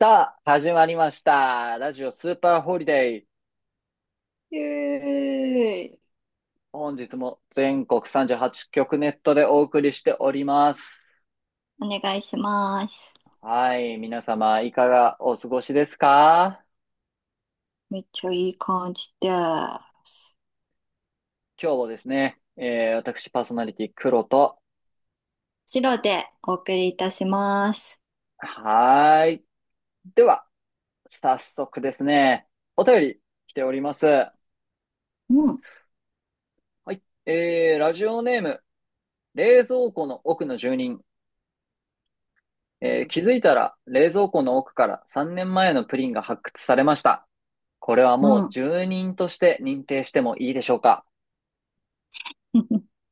さあ、始まりました。ラジオスーパーホリデー。えー本日も全国38局ネットでお送りしております。お願いします。はい、皆様いかがお過ごしですか？めっちゃいい感じです。今日もですね、私パーソナリティ黒と、白でお送りいたします。はーい。では、早速ですね、お便り来ております。はうん、い、ラジオネーム、冷蔵庫の奥の住人。うん。気づいたら冷蔵庫の奥から3年前のプリンが発掘されました。これはうもうん 住人として認定してもいいでしょうか？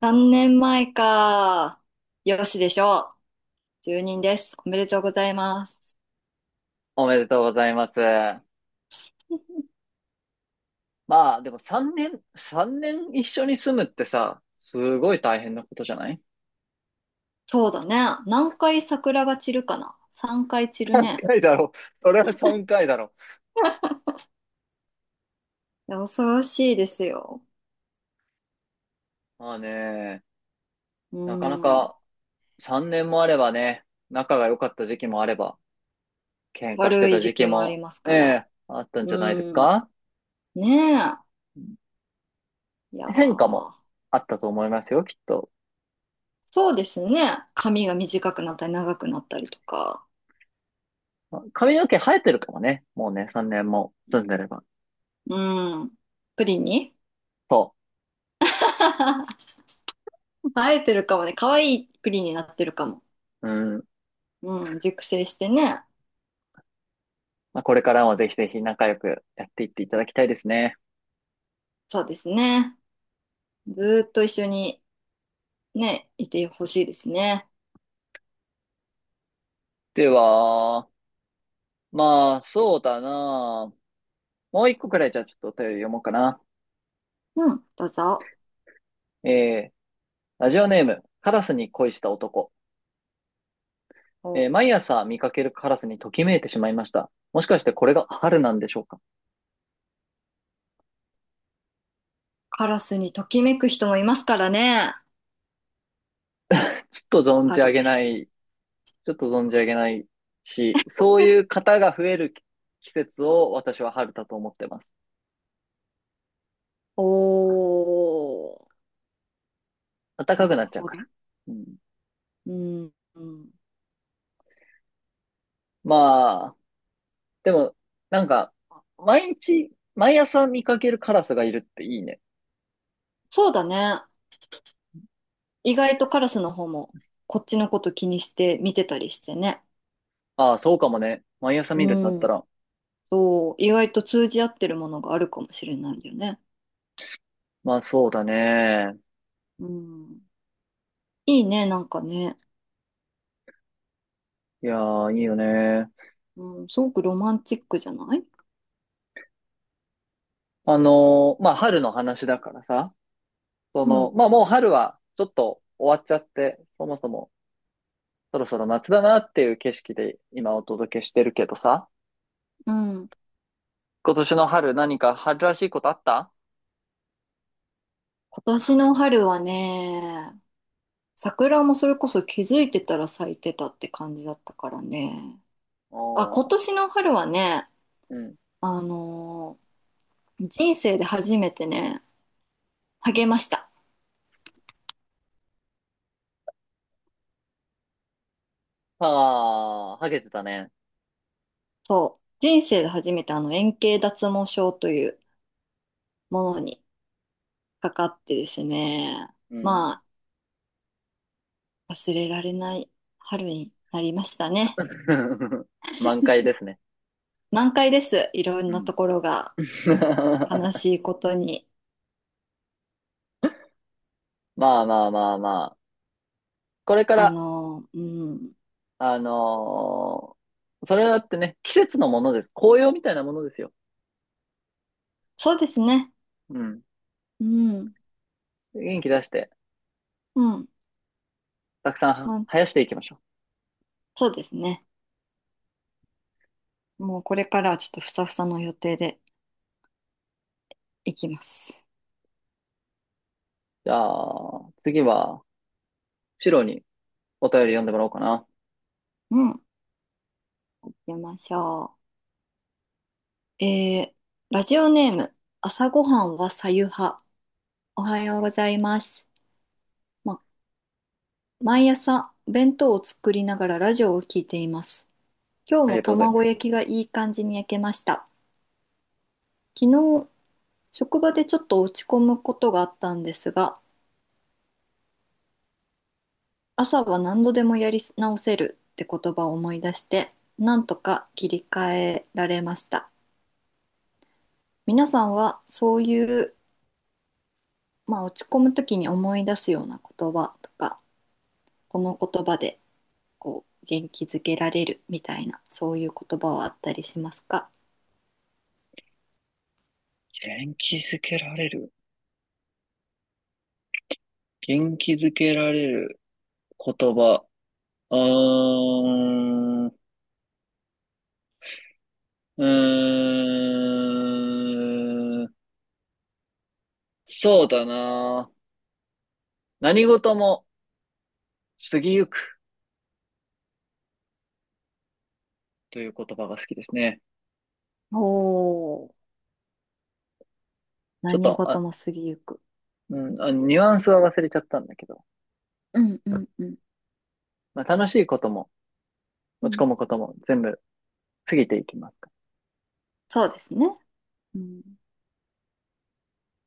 3年前か。よしでしょう。1人です。おめでとうございます。おめでとうございます。まあ、でも3年一緒に住むってさ、すごい大変なことじゃない？そうだね。何回桜が散るかな？ 3 回散る3ね。回だろ。それは3回だろ。いや恐ろしいですよ。まあね、うなかなん。か3年もあればね、仲が良かった時期もあれば、喧嘩して悪いた時時期期もありも、ますえから。え、あったんじゃないですうん。か？ねえ。いや変化もー。あったと思いますよ、きっと。そうですね。髪が短くなったり長くなったりとか。まあ髪の毛生えてるかもね。もうね、3年も住んでれば。うん。プリンに そ 生えてるかもね。可愛いプリンになってるかも。う。うん。うん。熟成してね。まあ、これからもぜひぜひ仲良くやっていっていただきたいですね。そうですね。ずーっと一緒にね、いてほしいですね。では、まあ、そうだな。もう一個くらいじゃあちょっとお便り読もうかな。うん。どうぞ。えー、ラジオネーム、カラスに恋した男。おう、毎朝見かけるカラスにときめいてしまいました。もしかしてこれが春なんでしょうか？カラスにときめく人もいますからね。ちょっと存じ上春げでなす。い、ちょっと存じ上げないし、そういう 方が増える季節を私は春だと思ってます。おー。暖かなくなるっちゃうほかど。ら。うん、うん。うん、まあ、でも、なんか、毎朝見かけるカラスがいるっていいね。そうだね。意外とカラスの方もこっちのこと気にして見てたりしてね。ああ、そうかもね。毎朝見るってなっうたん。ら。そう、意外と通じ合ってるものがあるかもしれないよね。まあ、そうだね。うん。いいね、なんかね。いやー、いいよね。うん、すごくロマンチックじゃない？まあ、春の話だからさ。そうの、ん、まあ、もう春は、ちょっと終わっちゃって、そもそも、そろそろ夏だなっていう景色で今お届けしてるけどさ。うん。今年の春、何か春らしいことあった？今年の春はね、桜もそれこそ気づいてたら咲いてたって感じだったからね。あ、今おー、年の春はね、うん。あの人生で初めてね、励ました。ああ、はげてたね。そう、人生で初めてあの円形脱毛症というものにかかってですね、うん。まあ、忘れられない春になりましたね。満開ですね。難解です。いろんうなん ところが 悲しいことに。まあまあまあまあ。これから、うん、あのーそれだってね、季節のものです。紅葉みたいなものですよ。そうですね。うん。うん、元気出して、うん、たくさんはまあ、生やしていきましょう。そうですね。もうこれからはちょっとふさふさの予定でいきます。じゃあ、次は、シロにお便り読んでもらおうかな。うん、行きましょう。ラジオネーム、朝ごはんはさゆは。おはようございます。ま、毎朝弁当を作りながらラジオを聞いています。今日あもりがとうございま卵す。焼きがいい感じに焼けました。昨日、職場でちょっと落ち込むことがあったんですが、朝は何度でもやり直せるって言葉を思い出して、なんとか切り替えられました。皆さんはそういう、まあ、落ち込む時に思い出すような言葉とか、この言葉でこう元気づけられるみたいな、そういう言葉はあったりしますか？元気づけられる。元気づけられる言葉。うーん、うーん、そうだな。何事も過ぎゆく。という言葉が好きですね。おー、ちょっ何と、事も過ぎゆく。ニュアンスは忘れちゃったんだけど、うん、うん、うん。まあ、楽しいことも、う落ち込ん、むことも全部過ぎていきますから。そうですね。うん。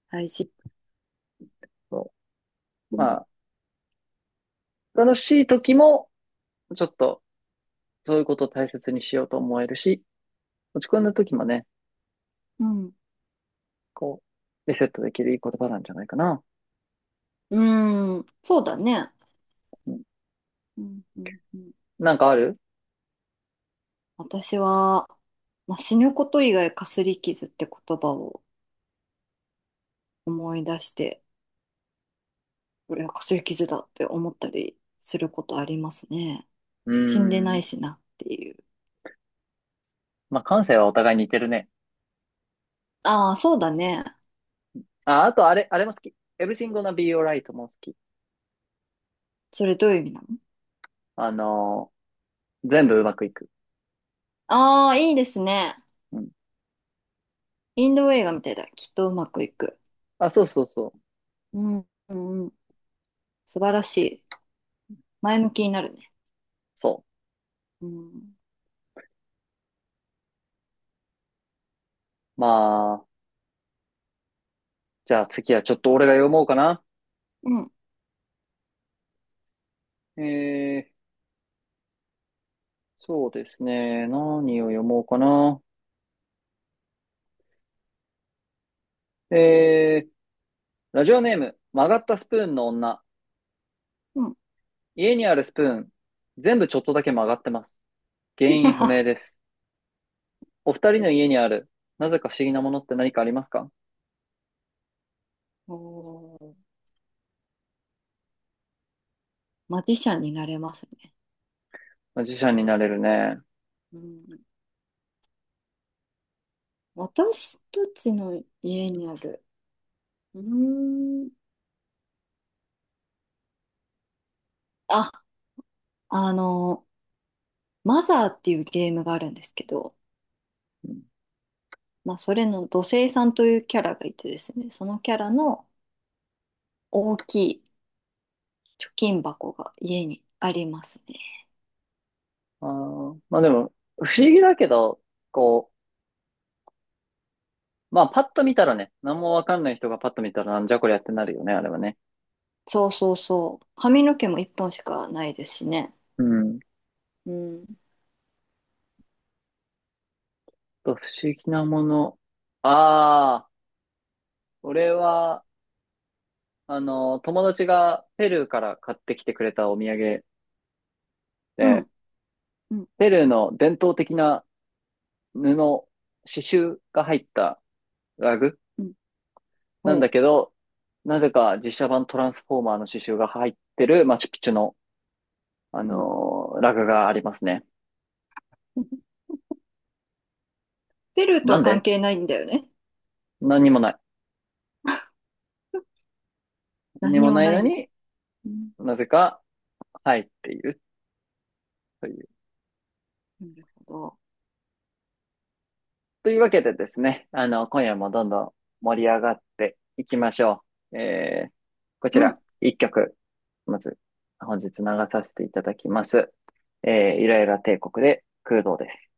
大事。そうう。まん、あ、楽しい時も、ちょっと、そういうことを大切にしようと思えるし、落ち込んだ時もね、うん。こう、リセットできるいい言葉なんじゃないかな。うん。そうだね。うん、うん、うん、うん。なんかある？私は、まあ、死ぬこと以外かすり傷って言葉を思い出して、これはかすり傷だって思ったりすることありますね。うー死んでないん。しなっていう。まあ、感性はお互い似てるね。ああ、そうだね。あ、あとあれも好き。Everything gonna be alright も好き。それどういう意味なの？あの全部うまくいく。ああ、いいですね。うん。インド映画みたいだ。きっとうまくいく。あ、そうそうそう。うん、うん、うん。素晴らしい。前向きになるね。そうん。う。まあ、じゃあ次はちょっと俺が読もうかな。うん、えー、そうですね。何を読もうかな。えー、ラジオネーム、曲がったスプーンの女。うん。家にあるスプーン、全部ちょっとだけ曲がってます。原因不明で す。お二人の家にある、なぜか不思議なものって何かありますか？おー、マジシャンになれますね。自社になれるね。うん。私たちの家にある、うーん。あ、あの、マザーっていうゲームがあるんですけど、まあ、それの土星さんというキャラがいてですね、そのキャラの大きい貯金箱が家にありますね。あー、まあでも、不思議だけど、こう、まあパッと見たらね、何もわかんない人がパッと見たらなんじゃこりゃってなるよね、あれはね。そうそうそう。髪の毛も一本しかないですしね。うん。うん。と、不思議なもの。ああ。俺は、友達がペルーから買ってきてくれたお土産うで、ん、うん、ペルーの伝統的な布、刺繍が入ったラグうん、なんおだう。けど、なぜか実写版トランスフォーマーの刺繍が入ってるマチュピチュの、うん。ラグがありますね。ペルーとなはん関で？係ないんだよね。何にもない。何に何にももないなのいんだ。にうん、なぜか入っているという。なるほど。というわけでですね、今夜もどんどん盛り上がっていきましょう。こちうら、ん一曲、まず、本日流させていただきます。イライラ帝国で、空洞です。